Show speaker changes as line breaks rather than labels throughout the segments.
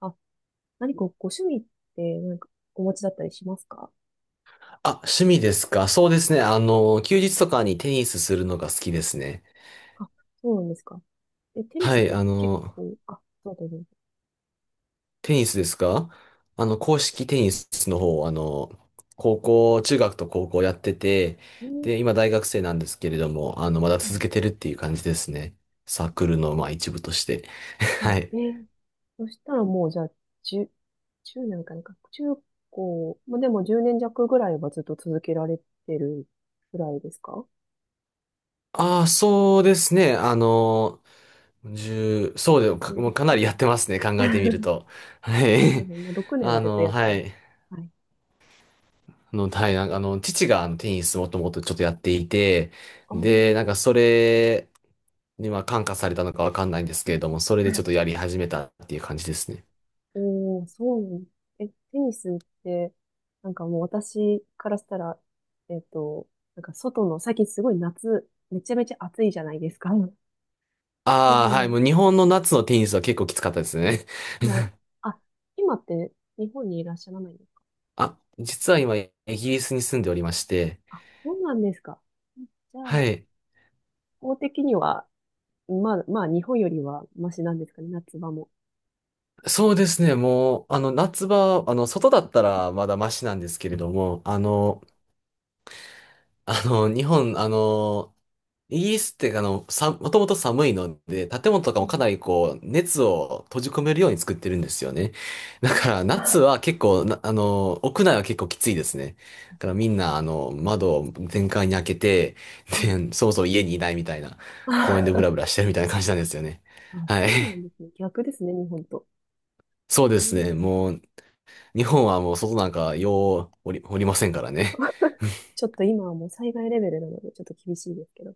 あ、何かご趣味ってお持ちだったりしますか？
あ、趣味ですか。そうですね。休日とかにテニスするのが好きですね。
あ、そうなんですか。え、テニ
は
スっ
い、
て結構、あ、そうだね。
テニスですか。公式テニスの方、高校、中学と高校やってて、
うん。
で、今大学生なんですけれども、まだ
う
続
ん。
けてるっていう感じですね。サークルの、まあ、一部として。
は
はい。
い。そしたらもうじゃあ、10、10年かなんか、中高、まあ、でも10年弱ぐらいはずっと続けられてるぐらいですか？
ああ、そうですね。十、そうでもか、もうかな
16
りやってますね。考えてみる
年。
と。は
そうで
い。
すね。まあ、年は絶対やって
は
る。
い。
はい。
はい、なんか父があのテニスもともとちょっとやっていて、
ああ。
で、なんかそれにまあ感化されたのかわかんないんですけれども、それでちょっとやり始めたっていう感じですね。
おー、そうなん。え、テニスって、なんかもう私からしたら、えっと、なんか外の、最近すごい夏、めちゃめちゃ暑いじゃないですか。この
ああ、
辺
はい、
が。
もう日本の夏のテニスは結構きつかったですね。
はい。あ、今って日本にいらっしゃらないんですか？
あ、実は今イギリスに住んでおりまして、
あ、そうなんですか。じゃあ、
はい。
法的には、まあ、まあ、日本よりはマシなんですかね、夏場も。
そうですね、もう、夏場、外だったらまだマシなんですけれども、あ
はい。
の、あの、日本、あの、イギリスってさ、もともと寒いので、建物とか
う
もか
ん。
なりこう、熱を閉じ込めるように作ってるんですよね。だ
は
から、
い。
夏は結構、屋内は結構きついですね。だからみんな、窓を全開に開けて、
はい。
で、そもそも家にいないみたいな、公園 でブラブラしてるみたいな感じなんですよね。
あ、
は
そ
い。
うなんですね。逆ですね、日本と。
そう
う
です
ん。
ね。もう、日本はもう外なんかようおり、おりませんからね。
ちょっと今はもう災害レベルなので、ちょっと厳しいですけど。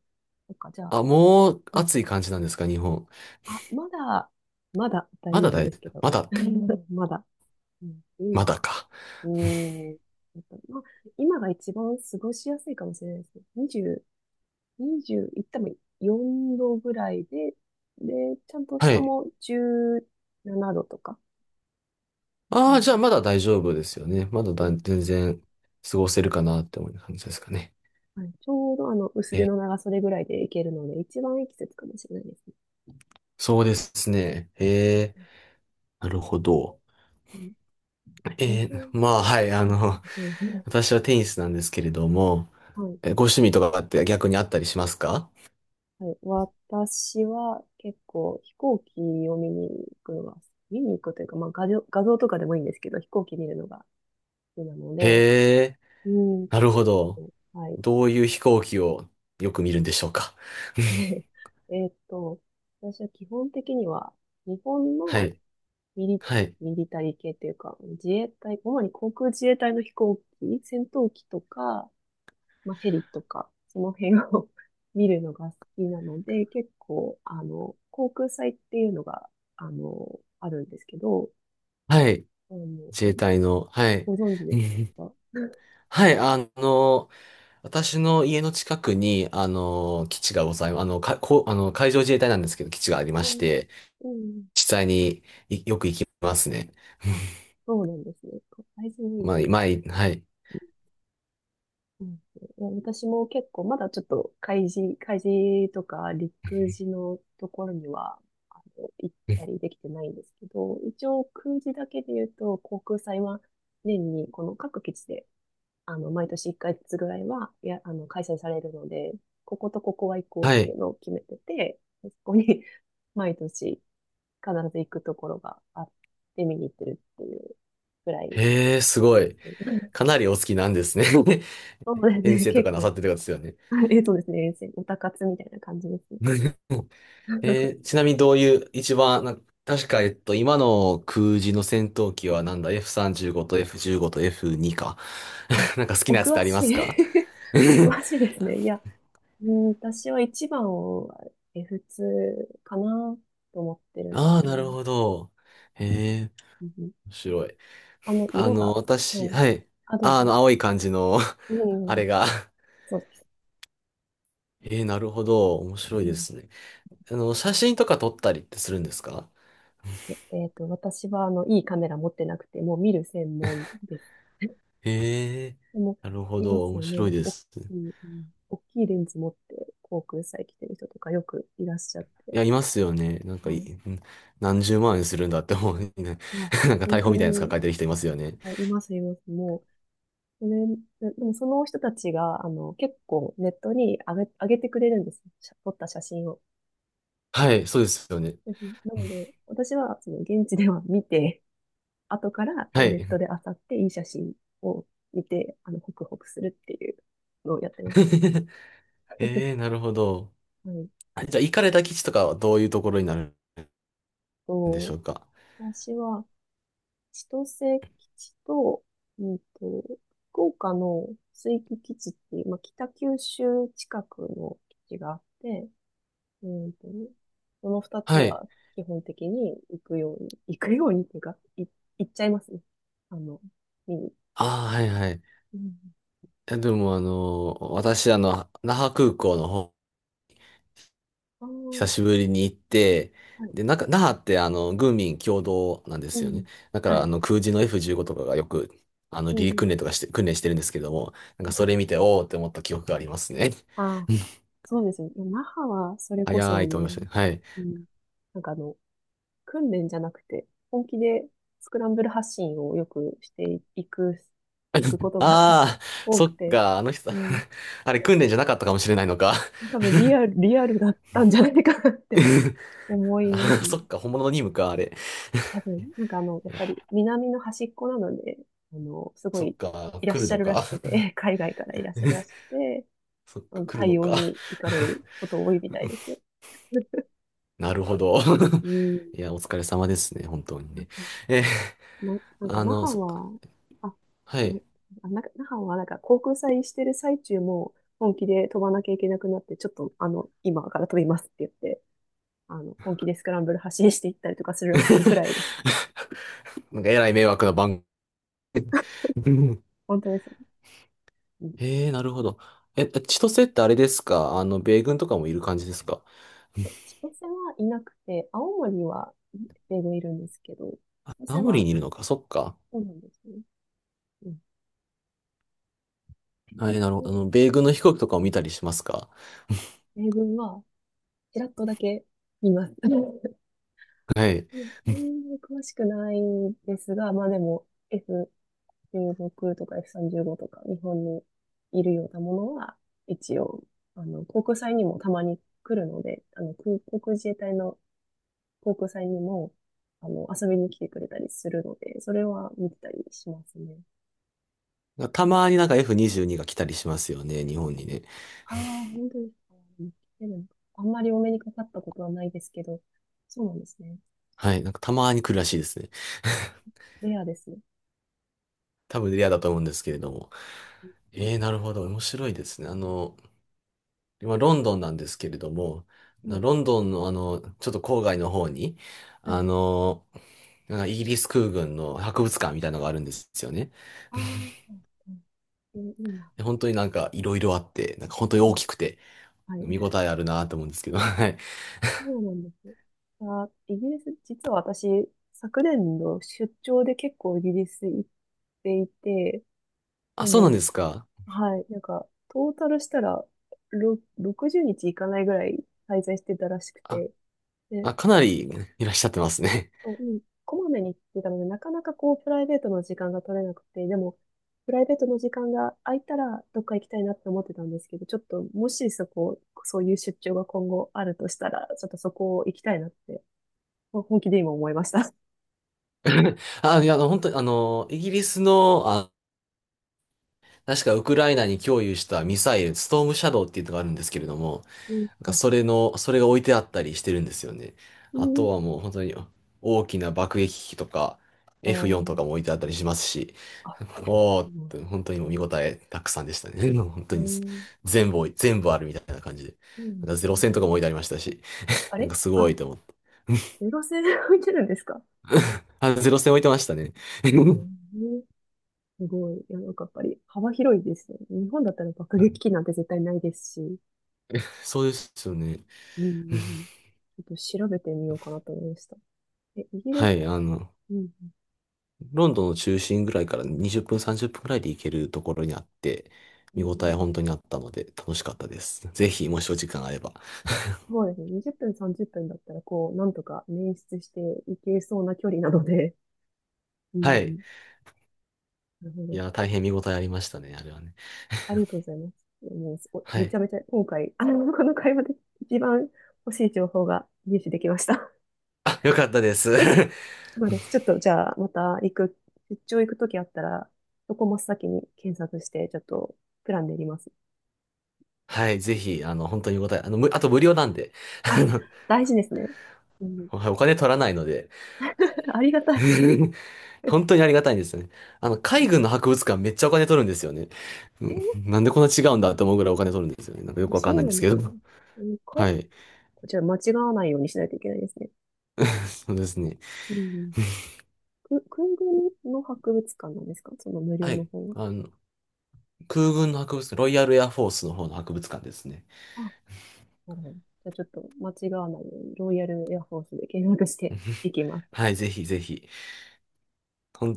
そっか、じゃあ、
あ、もう
うん。
暑い感じなんですか、日本。
あ、まだ、まだ大
ま
丈
だ
夫
大、
ですけど。
まだ、
うん。 まだ。うん、
まだ
今、
か。
うーん。やっぱまあ、今が一番過ごしやすいかもしれないですね。20、2いっても4度ぐらいで、で、ちゃんと
は
下
い。
も17度とか、あ
ああ、
の
じゃあまだ大丈夫ですよね。まだ
う
だ
ん。
全然過ごせるかなって思う感じですかね。
はい、ちょうど薄手
え、
の長袖ぐらいでいけるので、一番いい季節かもしれないですね。
そうですね。えー、なるほど。
うん、日
え
本、
ー、まあ、はい、あ
はい、
の、
そうです ね。
私はテニスなんですけれども、
はい。
え、ご趣味とかって逆にあったりしますか？
はい、私は結構飛行機を見に行くのが、見に行くというか、まあ画像とかでもいいんですけど、飛行機見るのが好きなの
へ
で、
え、
うーん
なるほど。
と、はい。
どういう飛行機をよく見るんでしょうか。
えーっと、私は基本的には日本
は
の
い、
ミリ、
はい、
ミリタリー系というか、自衛隊、主に航空自衛隊の飛行機、戦闘機とか、まあ、ヘリとか、その辺を 見るのが好きなので、結構、あの、航空祭っていうのが、あの、あるんですけど、
はい。
あの、
自衛隊の、はい。
ご存知
う
です
ん、
か？
はい、私の家の近くに、基地がございます。あの、か、こう、あの、海上自衛隊なんですけど、基地がありま
う
し
ん。
て、
うん。
実際によく行きますね。
あ、そうなんですね。海事に、
まあ、前、はい。
うん、いや私も結構、まだちょっと海事とか陸事のところには、あの、行ったり できてないんですけど、一応空事だけで言うと、航空祭は年にこの各基地であの、毎年1ずつぐらいは、あの、開催されるので、こことここは行こうっ
は
てい
い。
うのを決めてて、そこに 毎年必ず行くところがあって見に行ってるっていうぐらい
へえ、すご
で
い。
すね。
かなりお好きなんですね。
そうです
遠
ね、
征と
結
かなさ
構。
ってる方ですよね。
え、そうですね、おたかつみたいな感じですね。
えー、 ちなみにどういう、一番、確か、今の空自の戦闘機はなんだ、F35 と F15 と F2 か。
あ、
なんか好き
お
なやつっ
詳
てありま
しい。
すか？
お詳しい ですね。いや、うん、私は一番を F2 かなと思ってるんです
ああー、
けど
なる
ね。
ほど。へえ、
うん。
白い。
あの、色が、は
私、
い。
はい。
あ、どう
あ、
ぞ。
青い感じの
う
あ
ん、
れが、
そうです。
えー、なるほど。面白い
う
で
ん、
すね。写真とか撮ったりってするんですか？
私は、あの、いいカメラ持ってなくて、もう見る専門です。
ええ
でも、
ー、なるほ
いま
ど。
す
面
よ
白
ね。
いで
大
す。
きい、うん、大きいレンズ持って、航空祭来てる人とかよくいらっしゃっ
い
て。
や、いますよね。なん
は
かい、
い。
ん何十万円するんだって思うね。
いや、
なんか
本
逮捕
当
みたいなやつ
に、
抱えてる人いますよね。
あ、います、います。もう、それで、でもその人たちが、あの、結構ネットに上げてくれるんですよ。写撮った写真を。
はい、そうですよね。
うん。なので、私は、その、現地では見て、後からこ
は
うネット
い。
で漁っていい写真を見て、あの、ホクホクするっていうのをやってます。
ええー、なるほど。
はい。
あ、じゃあ、行かれた基地とかはどういうところになるんでし
と、
ょうか？
私は千歳基地と、うんと、福岡の水域基地っていう、まあ、北九州近くの基地があって、うんと、その二つ
はい。
は基本的に行くように、行くようにっていうか、い、行っちゃいますね。あの、見に。
ああ、はいはい。
うん、
いやでも私那覇空港の方、
あ
久しぶりに行って、
あ、はい。
で、なんか那覇って軍民共同なんで
う
すよ
ん。
ね。だか
は
ら
い。
空自の F15 とかがよく、
う
離陸
ん。
訓練とかして、訓練してるんですけども、なん
は
か
い。
それ見て、おーって思った記憶がありますね。
ああ。そうですよね。い那覇は、それこそ、
早
あ
いと思いまし
の、
たね。はい。
うん、なんかあの、訓練じゃなくて、本気でスクランブル発信をよくしていく、いくこ とが
ああ、
多
そ
く
っ
て、
か、あの人、
うん、
あれ訓練じゃなかったかもしれないのか。
多分リアルだったんじゃないかなって 思います ね。
そっか、本物の任務か、あれ。
多分、なんかあの、や
い
っ
や、
ぱり南の端っこなので、あの、すご
そっ
い
か、
いらっ
来る
しゃ
の
るら
か。
しくて、海外からいらっしゃるらしくて、
そっ
あ
か、
の
来るの
対応
か。
に行かれること多いみたいですよ。
なるほど。
う ん。
いや、お疲れ様ですね、本当にね。えー、
な、なんか
あ
那
の、
覇
そ、
は、あ、
は
ん
い。
あ、なんか那覇はなんか航空祭してる最中も本気で飛ばなきゃいけなくなって、ちょっとあの、今から飛びますって言って、あの、本気でスクランブル発進していったりとかするらしいくらいで す。
なんか、えらい迷惑な番組。
本当ですね。うん。
えー、なるほど。え、千歳ってあれですか、米軍とかもいる感じですか？
え千歳はいなくて、青森は米軍いるんですけど、千歳
青森
は
にいるのか、そっか。
そうなんですね。うん。
はい、なるほど。
で
米軍の飛行機とかを見たりしますか？
米軍はちらっとだけ見ます。うん、
はい。
うん、そんなに詳しくないんですが、まあでも、F16 とか F35 とか日本にいるようなものは、一応、あの、航空祭にもたまに来るので、あの、空航空自衛隊の航空祭にも、あの、遊びに来てくれたりするので、それは見てたりしますね。
たまになんか F22 が来たりしますよね、日本にね。
ああ、本当ですか。見てるのかあんまりお目にかかったことはないですけど、そうなんですね。
はい、なんかたまに来るらしいですね。
レアですね。
多分レアだと思うんですけれども。ええ、なるほど。面白いですね。今、ロンドンなんですけれども、
はい。
ロンドンの、ちょっと郊外の方に、
は
あ
い。
の、なんかイギリス空軍の博物館みたいなのがあるんですよね。
ああ、うん。えいいな。
で、本当になんかいろいろあって、なんか本当に
う
大
ん。
きくて、
はい。
見応えあるなと思うんですけど、はい。
そうなんです。あ、イギリス、実は私、昨年の出張で結構イギリス行っていて、で
あ、そうなん
も、
ですか。
はい、なんか、トータルしたら、ろ60日行かないぐらい滞在してたらしく
あ、
て、で、
あ、かなりいらっしゃってますね。
うん、こまめに行ってたので、なかなかこう、プライベートの時間が取れなくて、でも、プライベートの時間が空いたら、どっか行きたいなって思ってたんですけど、ちょっと、もしそこ、そういう出張が今後あるとしたら、ちょっとそこを行きたいなって、本気で今思いました。
あ、いや、本当に、イギリスの、あ、確かウクライナに供与したミサイル、ストームシャドーっていうのがあるんですけれども、
うん、
なんか
あ、い
それが置いてあったりしてるんですよね。あ
い
と
か。
はもう本当に大きな爆撃機とか F4 とかも置いてあったりしますし、
あ、
おー
う
っ
ん、
て本当にもう見応えたくさんでしたね。本
え
当に
ー、
全部全部あるみたいな感じで。
うん。
なんかゼロ戦とかも置いてありましたし、
あ
なん
れ
かすご
あ、
いと思って。
ゼロ戦で置いてるんですか？
あ、ゼロ戦置いてましたね。
え ー、すごい。いや、なんかやっぱり幅広いですよね。日本だったら爆
はい、
撃機なんて絶対ないですし。
そうですよね。
うん、うん、うん。 ちょっと調べてみようかなと思いました。え、イギリ
は
ス、
い、
うん、
ロンドンの中心ぐらいから20分、30分ぐらいで行けるところにあって、
う
見応え
ん、
本当にあったので楽しかったです。ぜひ、もしお時間あれば。
そうですね。20分、30分だったら、こう、なんとか捻出していけそうな距離なので、うん、
は
う
い。
ん、なるほ
い
ど。
や、大変見応えありましたね、あれはね。
ありがとう ございます。もうすご、
は
めち
い。
ゃめちゃ今回、あの、この会話で一番欲しい情報が入手できました。
あ、よかったです。
そうです。ちょっと、じゃあ、また行く、出張行くときあったら、そこ真っ先に検索して、ちょっと、プラン練ります。
はい、ぜひ、本当に見応え、あと無料なんで、あ
あ、
の、
大事ですね。うん。
はい、お金取らないので、
ありがたい。
本当にありがたいんですよね。
う
海
ん、
軍の博物館めっちゃお金取るんですよね。うん、
え
なんでこんな違うんだって思うぐらいお金取るんですよね。なんかよくわかん
そ
な
う
いん
な
で
ん
す
で
け
すかね。
ど。
うんか、
はい。
こちら間違わないようにしないといけないですね。
そうですね。
うん。く、空軍の博物館なんですか、その無料
は
の
い。
方は。
あの、空軍の博物館、ロイヤルエアフォースの方の博物館ですね。
あ、うん、じゃあちょっと間違わないように、ロイヤルエアフォースで検索してい きます。
はい、ぜひぜひ。